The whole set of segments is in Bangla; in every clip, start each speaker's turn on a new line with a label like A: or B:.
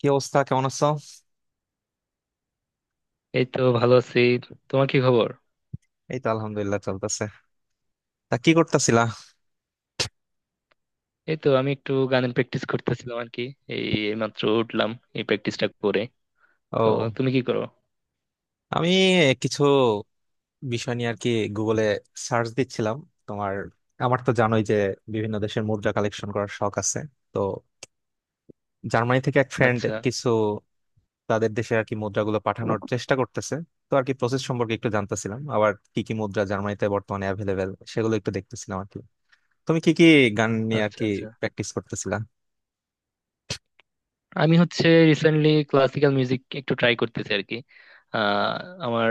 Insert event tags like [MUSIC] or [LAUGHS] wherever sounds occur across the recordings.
A: কি অবস্থা? কেমন আছো?
B: এই তো ভালো আছি। তোমার কি খবর?
A: এই তো আলহামদুলিল্লাহ, চলতেছে। তা কি করতেছিলা?
B: এই তো আমি একটু গানের প্র্যাকটিস করতেছিলাম আর কি, এই মাত্র উঠলাম এই প্র্যাকটিসটা করে। তো
A: ও,
B: তুমি কি করো?
A: আমি কিছু বিষয় নিয়ে আর কি গুগলে সার্চ দিচ্ছিলাম। তোমার, আমার তো জানোই যে বিভিন্ন দেশের মুদ্রা কালেকশন করার শখ আছে। তো জার্মানি থেকে এক ফ্রেন্ড
B: আচ্ছা
A: কিছু, তাদের দেশে আর কি মুদ্রাগুলো পাঠানোর চেষ্টা করতেছে। তো আর কি প্রসেস সম্পর্কে একটু জানতেছিলাম, আবার কি কি মুদ্রা জার্মানিতে বর্তমানে অ্যাভেলেবেল সেগুলো একটু দেখতেছিলাম আর কি। তুমি কি কি গান নিয়ে আর
B: আচ্ছা
A: কি
B: আচ্ছা,
A: প্র্যাকটিস করতেছিলা?
B: আমি হচ্ছে রিসেন্টলি ক্লাসিক্যাল মিউজিক একটু ট্রাই করতেছি আর কি। আহ আমার,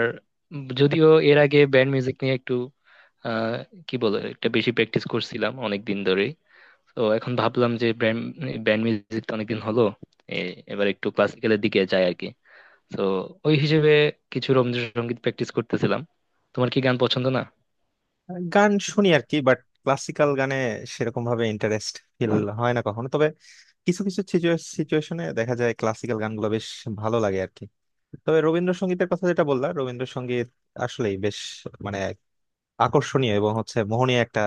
B: যদিও এর আগে ব্যান্ড মিউজিক নিয়ে একটু আহ কি বলে একটা বেশি প্র্যাকটিস করছিলাম অনেক দিন ধরেই। তো এখন ভাবলাম যে ব্যান্ড ব্যান্ড মিউজিক তো অনেকদিন হলো, এ- এবার একটু ক্লাসিক্যালের দিকে যাই আর কি। তো ওই হিসেবে কিছু রবীন্দ্রসঙ্গীত প্র্যাকটিস করতেছিলাম। তোমার কি গান পছন্দ না?
A: গান শুনি আর কি, বাট ক্লাসিক্যাল গানে সেরকম ভাবে ইন্টারেস্ট ফিল হয় না কখনো। তবে কিছু কিছু সিচুয়েশনে দেখা যায় ক্লাসিক্যাল গানগুলো বেশ ভালো লাগে আর কি। তবে রবীন্দ্রসঙ্গীতের কথা যেটা বললাম, রবীন্দ্রসঙ্গীত আসলেই বেশ, মানে, আকর্ষণীয় এবং হচ্ছে মোহনীয় একটা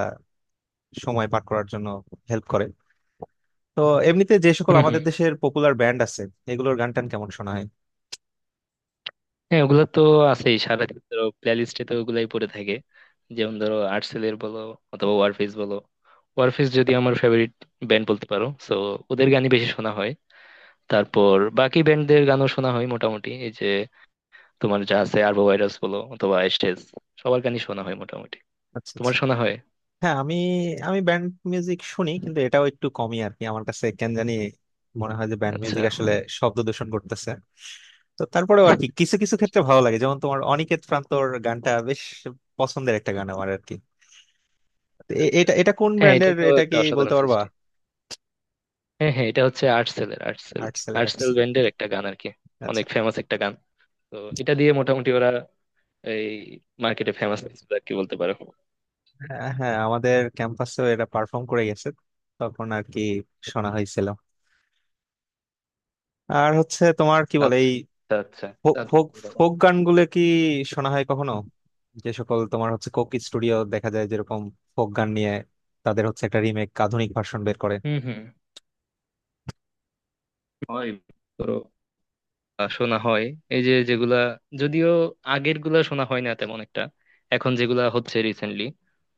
A: সময় পার করার জন্য হেল্প করে। তো এমনিতে যে সকল
B: হুম
A: আমাদের
B: হুম।
A: দেশের পপুলার ব্যান্ড আছে এগুলোর গান টান কেমন শোনা হয়?
B: হ্যাঁ, ওগুলা তো আছেই, সারাদিন ধরো প্লে লিস্টে তো ওগুলাই পড়ে থাকে। যেমন ধরো আর্টসেলের বলো অথবা ওয়ারফেজ বলো, ওয়ারফেজ যদি আমার ফেভারিট ব্যান্ড বলতে পারো, সো ওদের গানই বেশি শোনা হয়। তারপর বাকি ব্যান্ডদের গানও শোনা হয় মোটামুটি, এই যে তোমার যা আছে আরবো ভাইরাস বলো অথবা স্টেজ, সবার গানই শোনা হয় মোটামুটি।
A: আচ্ছা,
B: তোমার
A: আচ্ছা।
B: শোনা হয়?
A: হ্যাঁ, আমি আমি ব্যান্ড মিউজিক শুনি, কিন্তু এটাও একটু কমই আর কি। আমার কাছে কেন জানি মনে হয় যে ব্যান্ড
B: আচ্ছা
A: মিউজিক আসলে শব্দ দূষণ করতেছে। তো তারপরেও আর কি
B: [LAUGHS]
A: কিছু কিছু ক্ষেত্রে ভালো লাগে, যেমন তোমার অনিকেত প্রান্তর গানটা বেশ পছন্দের একটা গান আমার আর কি। তো এ-
B: আচ্ছা।
A: এটা এটা কোন
B: হ্যাঁ, এটা
A: ব্র্যান্ডের,
B: তো
A: এটা
B: একটা
A: কি বলতে
B: অসাধারণ
A: পারবা?
B: সৃষ্টি। হ্যাঁ হ্যাঁ, এটা হচ্ছে আর্টসেল এর, আর্টসেল,
A: আর্টসেল,
B: আর্টসেল
A: আর্টসেল।
B: ব্যান্ডের একটা গান আর কি। অনেক
A: আচ্ছা।
B: ফেমাস একটা গান। তো এটা দিয়ে মোটামুটি ওরা এই মার্কেটে ফেমাস হয়েছিল আর কি বলতে পারো।
A: হ্যাঁ হ্যাঁ, আমাদের ক্যাম্পাসেও এটা পারফর্ম করে গেছে, তখন আর কি শোনা হয়েছিল। আর হচ্ছে তোমার কি বলে
B: আচ্ছা
A: এই
B: আচ্ছা,
A: ফোক
B: তা
A: ফোক
B: দেখতে পারো।
A: ফোক গানগুলো কি শোনা হয় কখনো? যে সকল তোমার হচ্ছে কোক স্টুডিও দেখা যায়, যেরকম ফোক গান নিয়ে তাদের হচ্ছে একটা রিমেক আধুনিক ভার্সন বের করে।
B: হুম হুম, হয়, ধরো, শোনা হয়। এই যে যেগুলা, যদিও আগের গুলা শোনা হয় না তেমন একটা, এখন যেগুলা হচ্ছে রিসেন্টলি,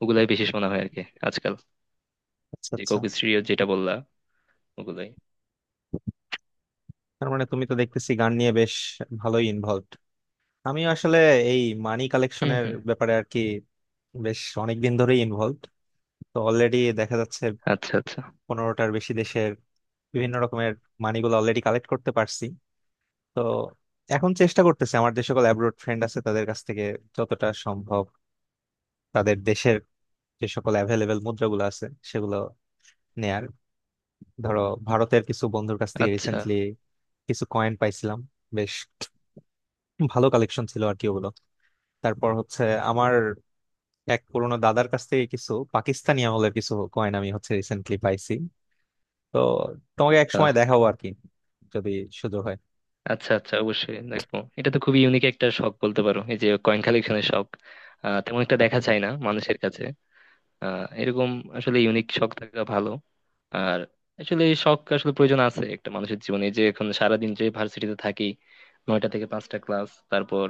B: ওগুলাই বেশি শোনা হয় আর কি আজকাল।
A: আচ্ছা,
B: যে
A: আচ্ছা।
B: কোক স্টুডিও যেটা বললা, ওগুলাই।
A: তার মানে তুমি তো দেখতেছি গান নিয়ে বেশ ভালোই ইনভলভড। আমি আসলে এই মানি
B: হুম
A: কালেকশনের
B: হুম।
A: ব্যাপারে আর কি বেশ অনেক দিন ধরেই ইনভলভড। তো অলরেডি দেখা যাচ্ছে
B: আচ্ছা আচ্ছা
A: 15টার বেশি দেশের বিভিন্ন রকমের মানিগুলো অলরেডি কালেক্ট করতে পারছি। তো এখন চেষ্টা করতেছি আমার যে সকল অ্যাব্রোড ফ্রেন্ড আছে তাদের কাছ থেকে যতটা সম্ভব তাদের দেশের যে সকল অ্যাভেলেবেল মুদ্রাগুলো আছে সেগুলো নেয়ার। ধরো, ভারতের কিছু বন্ধুর কাছ থেকে
B: আচ্ছা
A: রিসেন্টলি কিছু কয়েন পাইছিলাম, বেশ ভালো কালেকশন ছিল আর কি ওগুলো। তারপর হচ্ছে আমার এক পুরোনো দাদার কাছ থেকে কিছু পাকিস্তানি আমলের কিছু কয়েন আমি হচ্ছে রিসেন্টলি পাইছি। তো তোমাকে এক সময় দেখাবো আর কি, যদি সুযোগ হয়।
B: আচ্ছা আচ্ছা, অবশ্যই দেখবো। এটা তো খুবই ইউনিক একটা শখ বলতে পারো, এই যে কয়েন কালেকশনের শখ। তেমন একটা দেখা যায় না মানুষের কাছে এরকম। আসলে ইউনিক শখ থাকা ভালো। আর আসলে এই শখ আসলে প্রয়োজন আছে একটা মানুষের জীবনে। এই যে এখন সারাদিন যে ভার্সিটিতে থাকি, 9টা থেকে 5টা ক্লাস, তারপর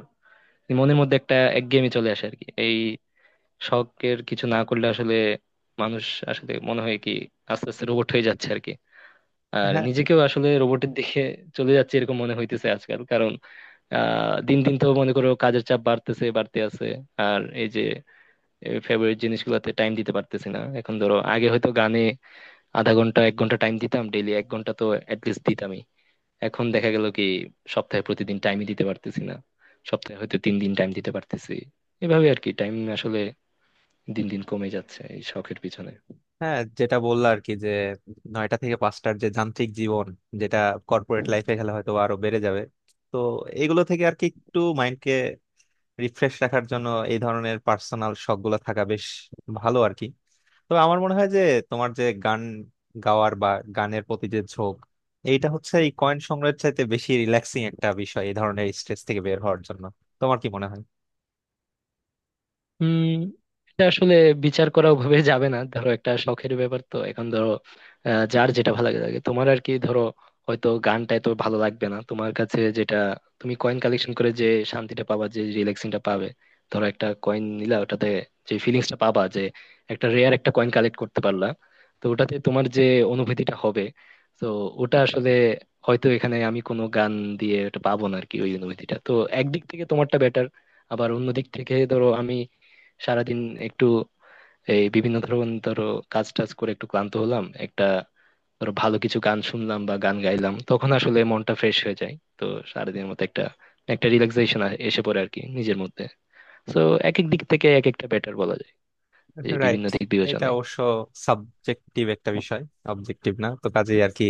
B: মনের মধ্যে একটা একঘেয়েমি চলে আসে আর কি। এই শখের কিছু না করলে আসলে মানুষ, আসলে মনে হয় কি, আস্তে আস্তে রোবট হয়ে যাচ্ছে আর কি। আর
A: হ্যাঁ
B: নিজেকেও আসলে রোবটের দিকে চলে যাচ্ছে এরকম মনে হইতেছে আজকাল। কারণ দিন দিন তো মনে করো কাজের চাপ বাড়তেছে, বাড়তে আছে। আর এই যে ফেভারিট জিনিসগুলোতে টাইম দিতে পারতেছি না। এখন ধরো, আগে হয়তো গানে আধা ঘন্টা এক ঘন্টা টাইম দিতাম ডেইলি, এক ঘন্টা তো অ্যাটলিস্ট দিতামই। এখন দেখা গেল কি সপ্তাহে প্রতিদিন টাইমই দিতে পারতেছি না, সপ্তাহে হয়তো তিন দিন টাইম দিতে পারতেছি। এভাবে আর কি টাইম আসলে দিন দিন কমে যাচ্ছে এই শখের পিছনে।
A: হ্যাঁ, যেটা বললো আর কি, যে 9টা থেকে 5টার যে যান্ত্রিক জীবন, যেটা কর্পোরেট লাইফে গেলে হয়তো আরো বেড়ে যাবে। তো এগুলো থেকে আর কি একটু মাইন্ডকে রিফ্রেশ রাখার জন্য এই ধরনের পার্সোনাল শখ গুলো থাকা বেশ ভালো আর কি। তবে আমার মনে হয় যে তোমার যে গান গাওয়ার বা গানের প্রতি যে ঝোঁক, এইটা হচ্ছে এই কয়েন সংগ্রহের চাইতে বেশি রিল্যাক্সিং একটা বিষয় এই ধরনের স্ট্রেস থেকে বের হওয়ার জন্য। তোমার কি মনে হয়?
B: উম এটা আসলে বিচার করা ওভাবে যাবে না। ধরো একটা শখের ব্যাপার তো, এখন ধরো যার যেটা ভালো লাগে লাগে। তোমার আর কি ধরো হয়তো গানটা এত ভালো লাগবে না তোমার কাছে, যেটা তুমি কয়েন কালেকশন করে যে শান্তিটা পাবা, যে রিল্যাক্সিংটা পাবে। ধরো একটা কয়েন নিলা, ওটাতে যে ফিলিংসটা পাবা, যে একটা রেয়ার একটা কয়েন কালেক্ট করতে পারলা, তো ওটাতে তোমার যে অনুভূতিটা হবে, তো ওটা আসলে হয়তো এখানে আমি কোনো গান দিয়ে ওটা পাবো না আর কি, ওই অনুভূতিটা। তো একদিক থেকে তোমারটা বেটার। আবার অন্য দিক থেকে ধরো আমি সারাদিন একটু এই বিভিন্ন ধরনের ধরো কাজ টাজ করে একটু ক্লান্ত হলাম, একটা ধরো ভালো কিছু গান শুনলাম বা গান গাইলাম, তখন আসলে মনটা ফ্রেশ হয়ে যায়। তো সারাদিনের মতো একটা, একটা রিল্যাক্সেশন এসে পড়ে আর কি নিজের মধ্যে। তো এক এক দিক থেকে এক একটা বেটার বলা যায়, যে
A: রাইট।
B: বিভিন্ন দিক
A: এটা
B: বিবেচনায়।
A: অবশ্য সাবজেক্টিভ একটা বিষয়, অবজেক্টিভ না, তো কাজেই আর কি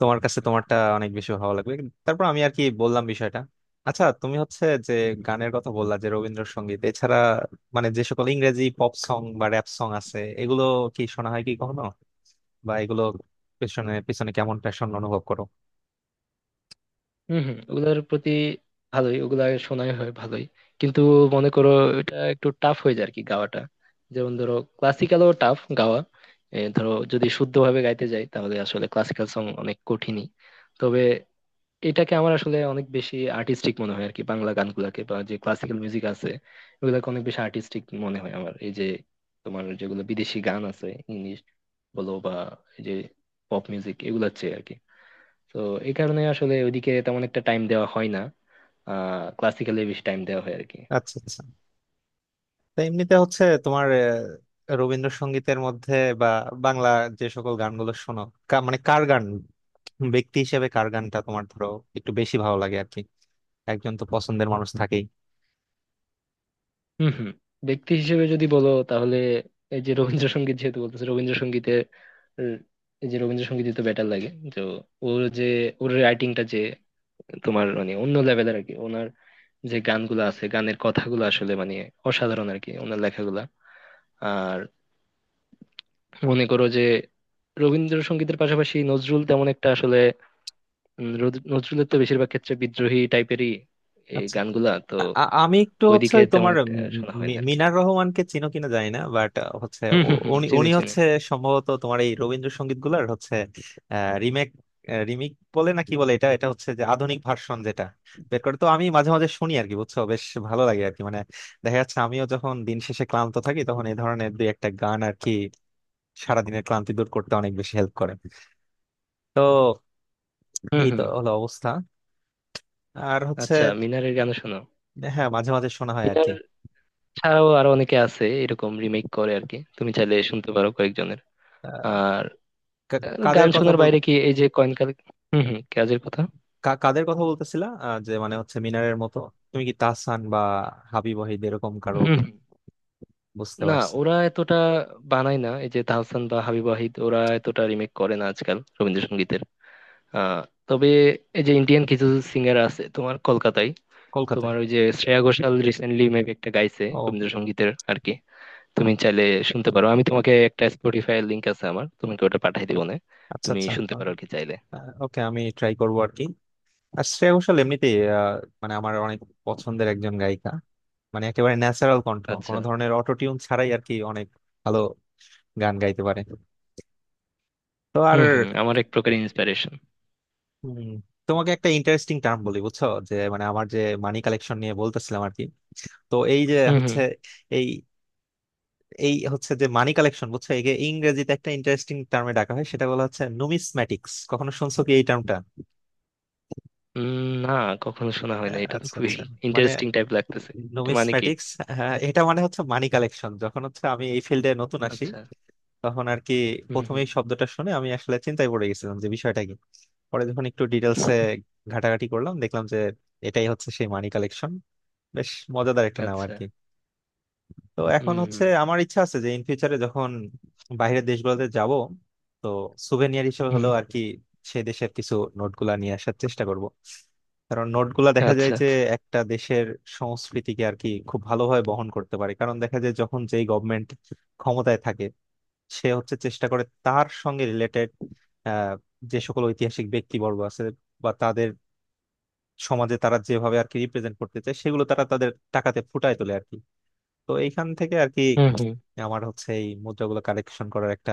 A: তোমার কাছে তোমারটা অনেক বেশি ভালো লাগবে। তারপর আমি আর কি বললাম বিষয়টা। আচ্ছা, তুমি হচ্ছে যে গানের কথা বললা যে রবীন্দ্রসঙ্গীত, এছাড়া মানে যে সকল ইংরেজি পপ সং বা র্যাপ সং আছে এগুলো কি শোনা হয় কি কখনো? বা এগুলো পেছনে পিছনে কেমন প্যাশন অনুভব করো?
B: হম হম, ওগুলার প্রতি ভালোই, ওগুলা শোনাই হয় ভালোই। কিন্তু মনে করো এটা একটু টাফ হয়ে যায় আর কি গাওয়াটা। যেমন ধরো ক্লাসিক্যালও টাফ গাওয়া, ধরো যদি শুদ্ধভাবে গাইতে যাই তাহলে আসলে ক্লাসিক্যাল সং অনেক কঠিনই। তবে এটাকে আমার আসলে অনেক বেশি আর্টিস্টিক মনে হয় আর কি, বাংলা গানগুলাকে বা যে ক্লাসিক্যাল মিউজিক আছে ওগুলাকে অনেক বেশি আর্টিস্টিক মনে হয় আমার। এই যে তোমার যেগুলো বিদেশি গান আছে, ইংলিশ বলো বা এই যে পপ মিউজিক, এগুলোর চেয়ে আর কি। তো এই কারণে আসলে ওইদিকে তেমন একটা টাইম দেওয়া হয় না, ক্লাসিক্যালি বেশি টাইম দেওয়া হয় আর কি।
A: আচ্ছা, আচ্ছা। তো এমনিতে হচ্ছে তোমার রবীন্দ্রসঙ্গীতের মধ্যে বা বাংলা যে সকল গানগুলো শোনো, মানে কার গান, ব্যক্তি হিসেবে কার গানটা তোমার ধরো একটু বেশি ভালো লাগে আর কি? একজন তো পছন্দের মানুষ থাকেই।
B: হম হম, ব্যক্তি হিসেবে যদি বলো তাহলে এই যে রবীন্দ্রসঙ্গীত, যেহেতু বলতেছে রবীন্দ্রসঙ্গীতের, উম, এই যে রবীন্দ্রসঙ্গীতই তো বেটার লাগে। তো ওর যে ওর রাইটিংটা যে তোমার, মানে অন্য লেভেলের আর কি ওনার। যে গানগুলো আছে, গানের কথাগুলো আসলে মানে অসাধারণ আর কি ওনার লেখাগুলা। আর মনে করো যে রবীন্দ্রসঙ্গীতের পাশাপাশি নজরুল তেমন একটা আসলে, নজরুলের তো বেশিরভাগ ক্ষেত্রে বিদ্রোহী টাইপেরই এই
A: আচ্ছা।
B: গানগুলা তো,
A: আ- আমি একটু হচ্ছে
B: ওইদিকে
A: ওই
B: তেমন
A: তোমার
B: একটা শোনা হয় না আর কি।
A: মিনার রহমানকে চিনো কিনা জানি না, বাট হচ্ছে
B: হম হম
A: উ-
B: হম
A: উনি
B: [LAUGHS] চিনি
A: উনি
B: চিনি।
A: হচ্ছে সম্ভবত তোমার এই রবীন্দ্রসঙ্গীত গুলার হচ্ছে রিমেক, রিমিক বলে না কি বলে, এটা এটা হচ্ছে যে আধুনিক ভার্সন যেটা বের করে। তো আমি মাঝে মাঝে শুনি আর কি, বুঝছো, বেশ ভালো লাগে আর কি। মানে দেখা যাচ্ছে আমিও যখন দিন শেষে ক্লান্ত থাকি তখন এই ধরনের দুই একটা গান আর কি সারাদিনের ক্লান্তি দূর করতে অনেক বেশি হেল্প করে। তো
B: হম
A: এই তো
B: হম,
A: হলো অবস্থা। আর হচ্ছে
B: আচ্ছা, মিনারের গানও শোনো।
A: হ্যাঁ মাঝে মাঝে শোনা হয় আর কি।
B: মিনার ছাড়াও আরো অনেকে আছে এরকম রিমেক করে আর কি, তুমি চাইলে শুনতে পারো কয়েকজনের।
A: আহ,
B: আর
A: কা- কাদের
B: গান
A: কথা
B: শোনার বাইরে
A: বলছিলাম?
B: কি এই যে কয়েনকাল, হম হম, কাজের কথা।
A: কাদের কথা বলতেছিলা যে মানে হচ্ছে মিনারের মতো তুমি কি তাহসান বা হাবিব ওয়াহিদ এরকম কারো,
B: হুম,
A: বুঝতে
B: না,
A: পারছি
B: ওরা এতটা বানায় না, এই যে তাহসান বা হাবিব ওয়াহিদ ওরা এতটা রিমেক করে না আজকাল রবীন্দ্রসঙ্গীতের। আহ তবে এই যে ইন্ডিয়ান কিছু সিঙ্গার আছে তোমার কলকাতায়, তোমার
A: কলকাতায়।
B: ওই যে শ্রেয়া ঘোষাল রিসেন্টলি মেবি একটা গাইছে
A: ও
B: রবীন্দ্রসঙ্গীতের আর কি। তুমি চাইলে শুনতে পারো, আমি তোমাকে একটা স্পটিফাই লিংক আছে আমার, তোমাকে ওটা পাঠাই দিব না,
A: আচ্ছা,
B: তুমি
A: আচ্ছা।
B: শুনতে পারো আর কি চাইলে।
A: ওকে, আমি ট্রাই করবো আর কি। আর শ্রেয়া ঘোষাল এমনিতেই মানে আমার অনেক পছন্দের একজন গায়িকা, মানে একেবারে ন্যাচারাল কণ্ঠ,
B: আচ্ছা।
A: কোনো ধরনের অটোটিউন ছাড়াই আর কি অনেক ভালো গান গাইতে পারে। তো আর
B: হুম হুম, আমার এক প্রকার ইন্সপিরেশন।
A: উম, তোমাকে একটা ইন্টারেস্টিং টার্ম বলি, বুঝছো, যে মানে আমার যে মানি কালেকশন নিয়ে বলতেছিলাম আর কি, তো এই যে
B: হুম হুম।
A: হচ্ছে এই এই হচ্ছে যে মানি কালেকশন, বুঝছো, একে ইংরেজিতে একটা ইন্টারেস্টিং টার্মে ডাকা হয়, সেটা বলা হচ্ছে নুমিসম্যাটিক্স। কখনো শুনছো কি এই টার্মটা?
B: না, কখনো শোনা হয় না, এটা তো
A: আচ্ছা,
B: খুবই
A: আচ্ছা। মানে
B: ইন্টারেস্টিং টাইপ লাগতেছে। এটা মানে কি?
A: নুমিসম্যাটিক্স। হ্যাঁ, এটা মানে হচ্ছে মানি কালেকশন। যখন হচ্ছে আমি এই ফিল্ডে নতুন আসি
B: আচ্ছা।
A: তখন আর কি
B: হুম
A: প্রথমে
B: হুম।
A: এই শব্দটা শুনে আমি আসলে চিন্তায় পড়ে গেছিলাম যে বিষয়টা কি। পরে যখন একটু ডিটেলসে ঘাটাঘাটি করলাম, দেখলাম যে এটাই হচ্ছে সেই মানি কালেকশন। বেশ মজাদার একটা নাম আর
B: আচ্ছা।
A: কি। তো এখন
B: হুম হুম।
A: হচ্ছে আমার ইচ্ছা আছে যে ইন ফিউচারে যখন বাইরের দেশগুলোতে যাব, তো সুভেনিয়ার হিসেবে
B: হুম,
A: হলেও আর কি সেই দেশের কিছু নোটগুলা নিয়ে আসার চেষ্টা করব। কারণ নোটগুলা দেখা যায়
B: আচ্ছা
A: যে
B: আচ্ছা।
A: একটা দেশের সংস্কৃতিকে আর কি খুব ভালোভাবে বহন করতে পারে, কারণ দেখা যায় যখন যেই গভর্নমেন্ট ক্ষমতায় থাকে সে হচ্ছে চেষ্টা করে তার সঙ্গে রিলেটেড আহ যে সকল ঐতিহাসিক ব্যক্তিবর্গ আছে বা তাদের সমাজে তারা যেভাবে আর কি রিপ্রেজেন্ট করতে চায় সেগুলো তারা তাদের টাকাতে ফুটায় তোলে আর কি। তো এইখান থেকে আর কি
B: হুম হুম।
A: আমার হচ্ছে এই মুদ্রাগুলো কালেকশন করার একটা,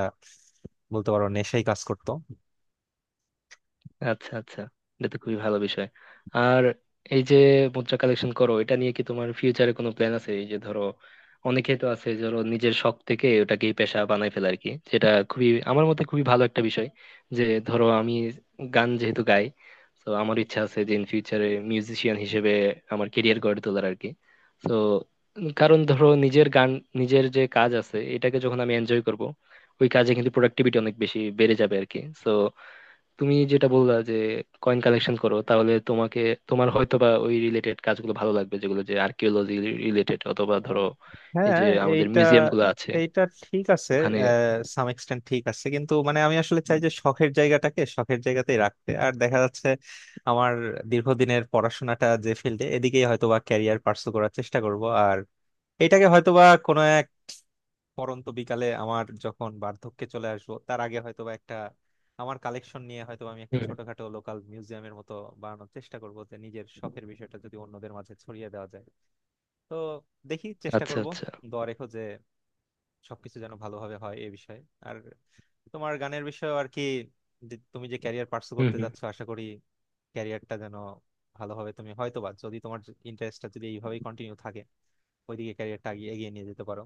A: বলতে পারো, নেশাই কাজ করতো।
B: আচ্ছা আচ্ছা, এটা তো খুবই ভালো বিষয়। আর এই যে মুদ্রা কালেকশন করো, এটা নিয়ে কি তোমার ফিউচারে কোনো প্ল্যান আছে? এই যে ধরো অনেকে তো আছে ধরো নিজের শখ থেকে ওটাকে পেশা বানাই ফেলে আর কি, যেটা খুবই আমার মতে খুবই ভালো একটা বিষয়। যে ধরো আমি গান যেহেতু গাই, তো আমার ইচ্ছা আছে যে ইন ফিউচারে মিউজিশিয়ান হিসেবে আমার কেরিয়ার গড়ে তোলার আর কি। তো কারণ ধরো নিজের গান, নিজের যে কাজ আছে এটাকে যখন আমি এনজয় করব, ওই কাজে কিন্তু প্রোডাক্টিভিটি অনেক বেশি বেড়ে যাবে আর কি। তুমি যেটা বললা যে কয়েন কালেকশন করো, তাহলে তোমাকে, তোমার হয়তো বা ওই রিলেটেড কাজগুলো ভালো লাগবে, যেগুলো যে আর্কিওলজি রিলেটেড অথবা ধরো এই
A: হ্যাঁ
B: যে আমাদের
A: এইটা
B: মিউজিয়াম গুলো আছে
A: এইটা ঠিক আছে,
B: ওখানে।
A: সাম এক্সটেন্ট ঠিক আছে কিন্তু মানে আমি আসলে চাই যে শখের জায়গাটাকে শখের জায়গাতেই রাখতে। আর দেখা যাচ্ছে আমার দীর্ঘদিনের পড়াশোনাটা যে ফিল্ডে এদিকেই হয়তোবা ক্যারিয়ার পার্সু করার চেষ্টা করব। আর এটাকে হয়তোবা কোনো পরন্ত বিকালে আমার যখন বার্ধক্যে চলে আসবো তার আগে হয়তোবা একটা, আমার কালেকশন নিয়ে হয়তো আমি একটা
B: হুম,
A: ছোটখাটো লোকাল মিউজিয়ামের মতো বানানোর চেষ্টা করব, যে নিজের শখের বিষয়টা যদি অন্যদের মাঝে ছড়িয়ে দেওয়া যায়। তো দেখি, চেষ্টা
B: আচ্ছা
A: করব।
B: আচ্ছা।
A: দোয়া রেখো যে সবকিছু যেন ভালোভাবে হয় এই বিষয়ে। আর তোমার গানের বিষয়ে আর কি, যে তুমি যে ক্যারিয়ার পার্সু
B: হুম
A: করতে
B: হুম
A: যাচ্ছ, আশা করি ক্যারিয়ারটা যেন ভালোভাবে তুমি হয়তোবা যদি তোমার ইন্টারেস্টটা যদি এইভাবেই কন্টিনিউ থাকে ওইদিকে ক্যারিয়ারটা এগিয়ে নিয়ে যেতে পারো।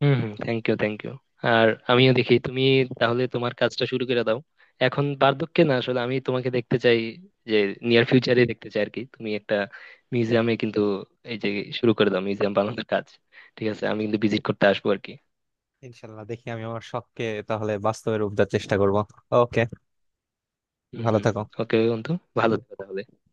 B: হুম হুম, থ্যাংক ইউ থ্যাংক ইউ। আর আমিও দেখি, তুমি তাহলে তোমার কাজটা শুরু করে দাও এখন, বার্ধক্যে না, আসলে আমি তোমাকে দেখতে চাই যে নিয়ার ফিউচারে দেখতে চাই আর কি, তুমি একটা মিউজিয়ামে কিন্তু এই যে শুরু করে দাও মিউজিয়াম বানানোর কাজ। ঠিক আছে, আমি কিন্তু ভিজিট করতে আসবো আর কি।
A: ইনশাল্লাহ, দেখি আমি আমার শখকে তাহলে বাস্তবে রূপ দেওয়ার চেষ্টা করব। ওকে,
B: হুম
A: ভালো
B: হুম।
A: থাকো।
B: ওকে বন্ধু, ভালো থেকো তাহলে।